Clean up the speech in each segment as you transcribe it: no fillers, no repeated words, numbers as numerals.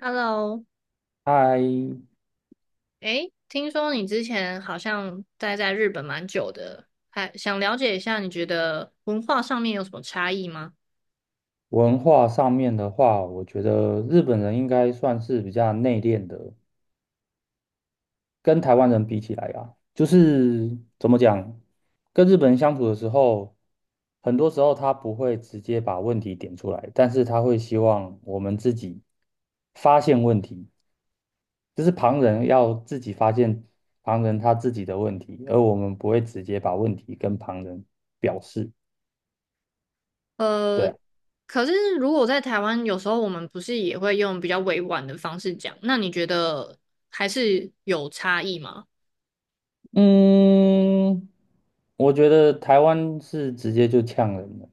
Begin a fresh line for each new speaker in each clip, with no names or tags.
Hello，
在
诶，听说你之前好像待在日本蛮久的，还想了解一下，你觉得文化上面有什么差异吗？
文化上面的话，我觉得日本人应该算是比较内敛的，跟台湾人比起来啊，就是怎么讲，跟日本人相处的时候，很多时候他不会直接把问题点出来，但是他会希望我们自己发现问题，就是旁人要自己发现旁人他自己的问题，而我们不会直接把问题跟旁人表示。对
呃，
啊。
可是如果在台湾，有时候我们不是也会用比较委婉的方式讲，那你觉得还是有差异吗？
嗯，我觉得台湾是直接就呛人的，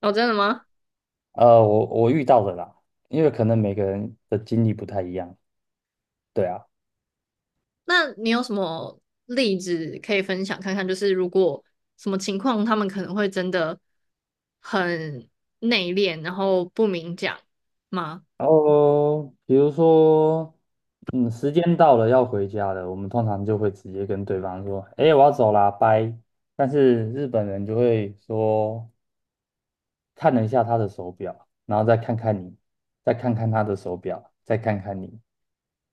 哦，真的吗？
我遇到的啦，因为可能每个人的经历不太一样，对啊。
那你有什么例子可以分享看看？就是如果什么情况，他们可能会真的很内敛，然后不明讲吗？
然后比如说，嗯，时间到了要回家了，我们通常就会直接跟对方说，哎，我要走啦，拜。但是日本人就会说，看了一下他的手表，然后再看看你，再看看他的手表，再看看你，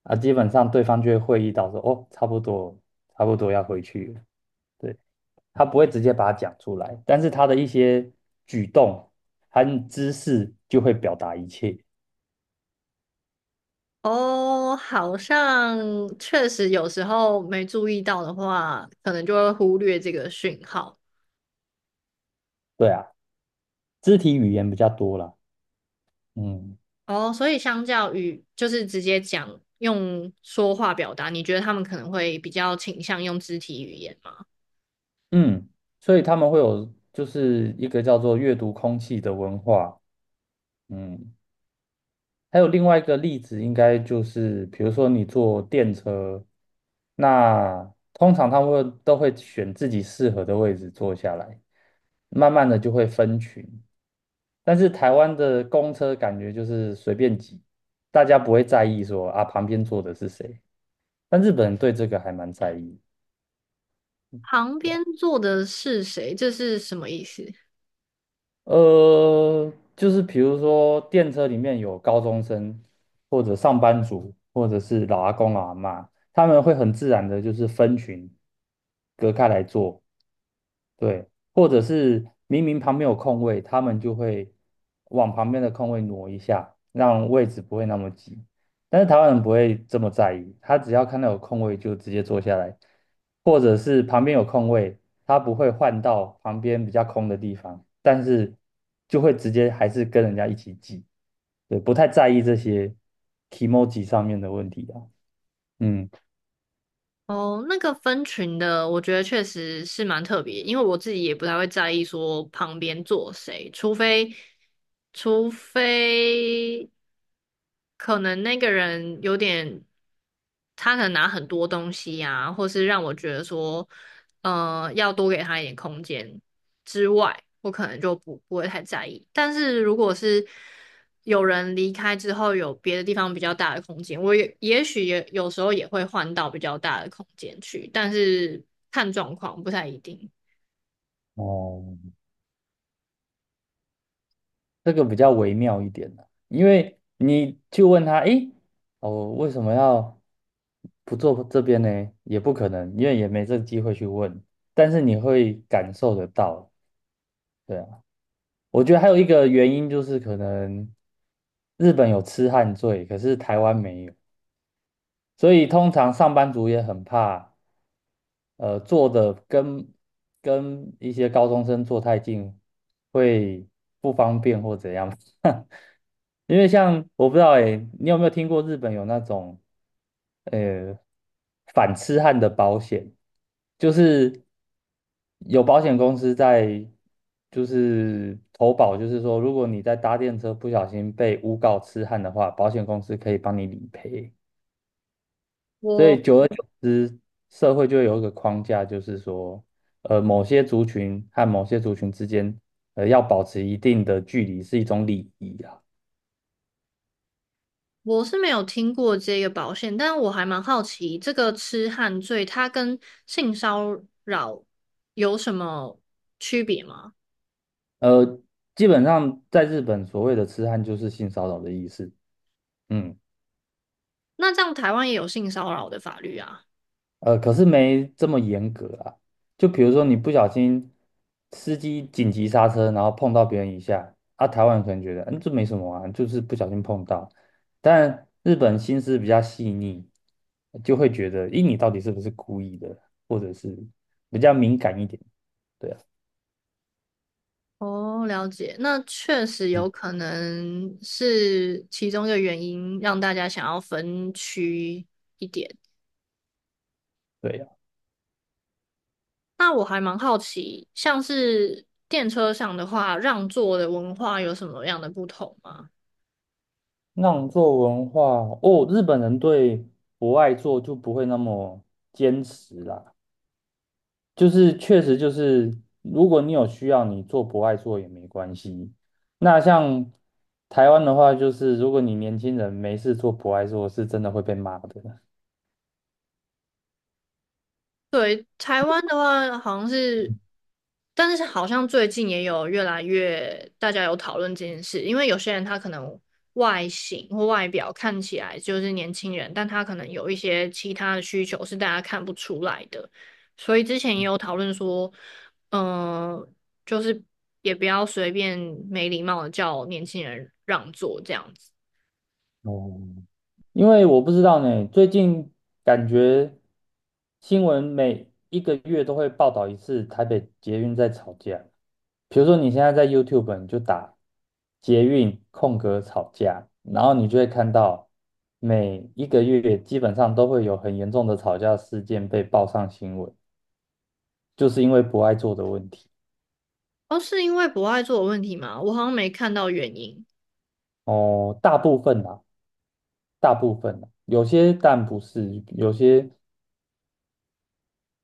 啊，基本上对方就会会意到说，哦，差不多，差不多要回去了。对，他不会直接把它讲出来，但是他的一些举动和姿势就会表达一切。
哦，好像确实有时候没注意到的话，可能就会忽略这个讯号。
对啊，肢体语言比较多了。嗯
哦，所以相较于就是直接讲用说话表达，你觉得他们可能会比较倾向用肢体语言吗？
嗯，所以他们会有就是一个叫做阅读空气的文化。嗯，还有另外一个例子，应该就是比如说你坐电车，那通常他们会都会选自己适合的位置坐下来，慢慢的就会分群。但是台湾的公车感觉就是随便挤，大家不会在意说啊旁边坐的是谁，但日本人对这个还蛮在意。
旁
是吧？
边坐的是谁？这是什么意思？
就是比如说电车里面有高中生，或者上班族，或者是老阿公老阿妈，他们会很自然的就是分群隔开来坐。对，或者是明明旁边有空位，他们就会往旁边的空位挪一下，让位置不会那么挤。但是台湾人不会这么在意，他只要看到有空位就直接坐下来，或者是旁边有空位，他不会换到旁边比较空的地方，但是就会直接还是跟人家一起挤，对，不太在意这些 emoji 上面的问题啊。嗯，
哦，那个分群的，我觉得确实是蛮特别，因为我自己也不太会在意说旁边坐谁，除非，除非可能那个人有点，他可能拿很多东西呀、或是让我觉得说，呃，要多给他一点空间。之外，我可能就不会太在意。但是如果是有人离开之后，有别的地方比较大的空间，我也也许也有时候也会换到比较大的空间去，但是看状况不太一定。
哦，这个比较微妙一点呢，因为你去问他，诶，哦，为什么要不做这边呢？也不可能，因为也没这个机会去问，但是你会感受得到，对啊。我觉得还有一个原因就是可能日本有痴汉罪，可是台湾没有，所以通常上班族也很怕。坐的跟一些高中生坐太近会不方便或怎样？因为像我不知道诶，你有没有听过日本有那种呃反痴汉的保险？就是有保险公司在就是投保，就是说如果你在搭电车不小心被诬告痴汉的话，保险公司可以帮你理赔。所
我
以久而久之，社会就会有一个框架，就是说，某些族群和某些族群之间，要保持一定的距离是一种礼仪啊。
我是没有听过这个保险，但我还蛮好奇，这个痴汉罪它跟性骚扰有什么区别吗？
呃，基本上在日本，所谓的痴汉就是性骚扰的意思。嗯。
那这样台湾也有性骚扰的法律啊？
可是没这么严格啊。就比如说你不小心司机紧急刹车，然后碰到别人一下，啊，台湾人可能觉得，嗯，这没什么啊，就是不小心碰到。但日本心思比较细腻，就会觉得，咦，你到底是不是故意的，或者是比较敏感一点。对啊，
哦，了解，那确实
嗯，
有可能是其中一个原因，让大家想要分区。
对呀，
那我还蛮好奇，像是电车上的话，让座的文化有什么样的不同吗？
让座文化哦，日本人对不爱做就不会那么坚持啦。就是确实就是，如果你有需要，你做不爱做也没关系。那像台湾的话，就是如果你年轻人没事做不爱做，是真的会被骂的。
对，台湾的话好像是，但是好像最近也有越来越大家有讨论这件事，因为有些人他可能外形或外表看起来就是年轻人，但他可能有一些其他的需求是大家看不出来的，所以之前也有讨论说，嗯、就是也不要随便没礼貌的叫年轻人让座这样子。
哦，因为我不知道呢，最近感觉新闻每一个月都会报道一次台北捷运在吵架。比如说你现在在 YouTube，你就打捷运空格吵架，然后你就会看到每一个月基本上都会有很严重的吵架事件被报上新闻，就是因为不爱做的问题。
哦，是因为不爱做的问题吗？我好像没看到原因。
哦，大部分啦，大部分啦，有些但不是，有些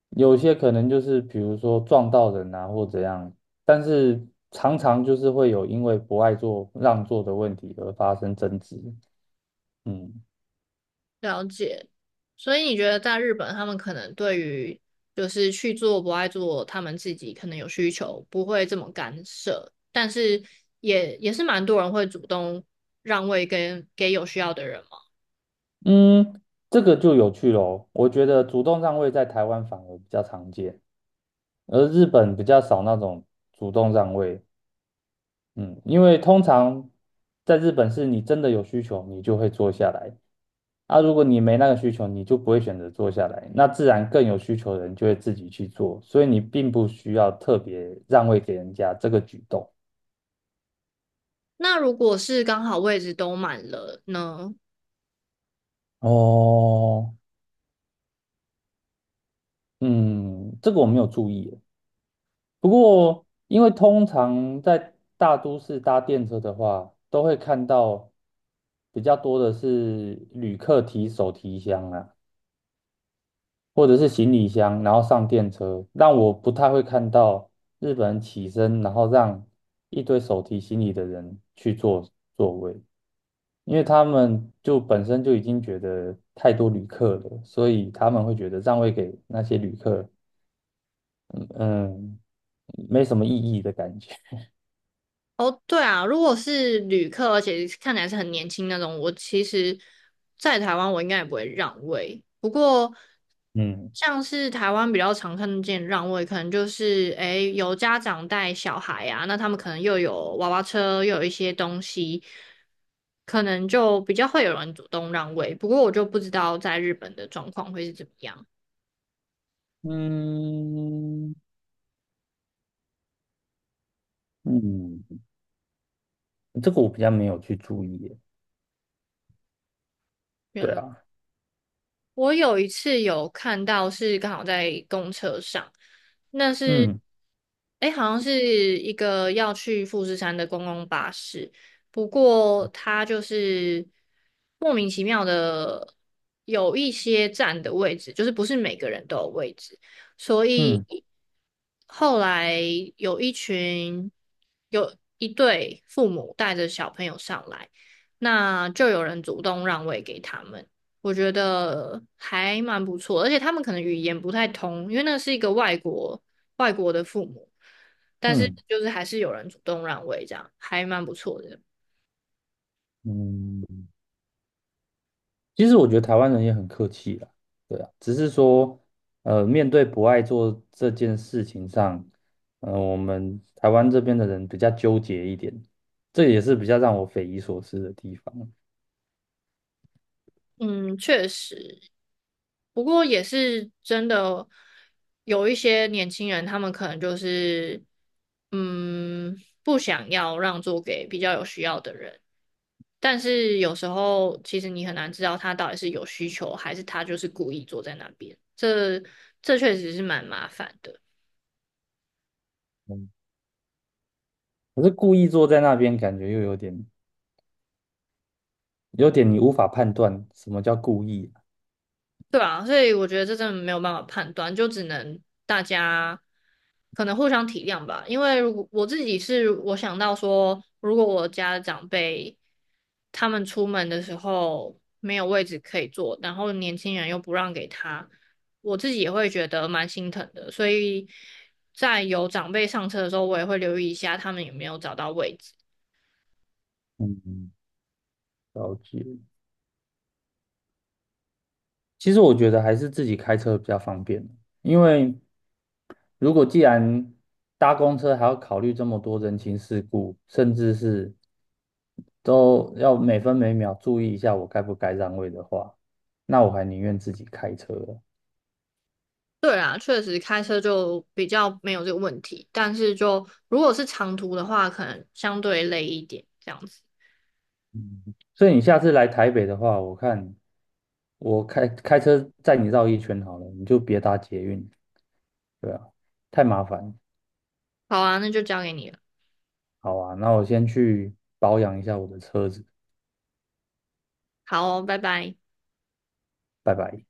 有些可能就是比如说撞到人啊或怎样，但是常常就是会有因为不爱做让座的问题而发生争执。嗯。
了解，所以你觉得在日本，他们可能对于就是去做不爱做，他们自己可能有需求，不会这么干涉，但是也也是蛮多人会主动让位跟给有需要的人嘛。
嗯，这个就有趣喽。我觉得主动让位在台湾反而比较常见，而日本比较少那种主动让位。嗯，因为通常在日本是你真的有需求，你就会坐下来。啊，如果你没那个需求，你就不会选择坐下来，那自然更有需求的人就会自己去做，所以你并不需要特别让位给人家这个举动。
那如果是刚好位置都满了呢？
哦，嗯，这个我没有注意耶，不过，因为通常在大都市搭电车的话，都会看到比较多的是旅客提手提箱啊，或者是行李箱，然后上电车，让我不太会看到日本人起身，然后让一堆手提行李的人去坐座位，因为他们就本身就已经觉得太多旅客了，所以他们会觉得让位给那些旅客，嗯，没什么意义的感觉，
哦，对啊，如果是旅客，而且看起来是很年轻那种，我其实，在台湾我应该也不会让位。不过，
嗯。
像是台湾比较常看见让位，可能就是诶有家长带小孩啊，那他们可能又有娃娃车，又有一些东西，可能就比较会有人主动让位。不过我就不知道在日本的状况会是怎么样。
嗯嗯，这个我比较没有去注意耶。
原
对
来
啊，
我有一次有看到是刚好在公车上，那是，
嗯
哎，好像是一个要去富士山的公共巴士，不过它就是莫名其妙的有一些站的位置，就是不是每个人都有位置，所以
嗯
后来有一群有一对父母带着小朋友上来，那就有人主动让位给他们。我觉得还蛮不错，而且他们可能语言不太通，因为那是一个外国外国的父母，但是
嗯
就是还是有人主动让位，这样还蛮不错的。
嗯，其实我觉得台湾人也很客气啦。对啊，只是说，面对不爱做这件事情上，我们台湾这边的人比较纠结一点，这也是比较让我匪夷所思的地方。
嗯，确实，不过也是真的有一些年轻人，他们可能就是嗯不想要让座给比较有需要的人。但是有时候其实你很难知道他到底是有需求，还是他就是故意坐在那边。这确实是蛮麻烦的。
嗯，可是故意坐在那边，感觉又有点你无法判断什么叫故意啊。
对啊，所以我觉得这真的没有办法判断，就只能大家可能互相体谅吧。因为如果我自己是我想到说，如果我家的长辈他们出门的时候没有位置可以坐，然后年轻人又不让给他，我自己也会觉得蛮心疼的。所以在有长辈上车的时候，我也会留意一下他们有没有找到位置。
嗯，了解。其实我觉得还是自己开车比较方便，因为如果既然搭公车还要考虑这么多人情世故，甚至是都要每分每秒注意一下我该不该让位的话，那我还宁愿自己开车了。
对啊，确实开车就比较没有这个问题，但是就如果是长途的话，可能相对累一点这样子。
嗯，所以你下次来台北的话，我看我开车载你绕一圈好了，你就别搭捷运，对啊，太麻烦。
好啊，那就交给你了。
好啊，那我先去保养一下我的车子，
好哦，拜拜。
拜拜。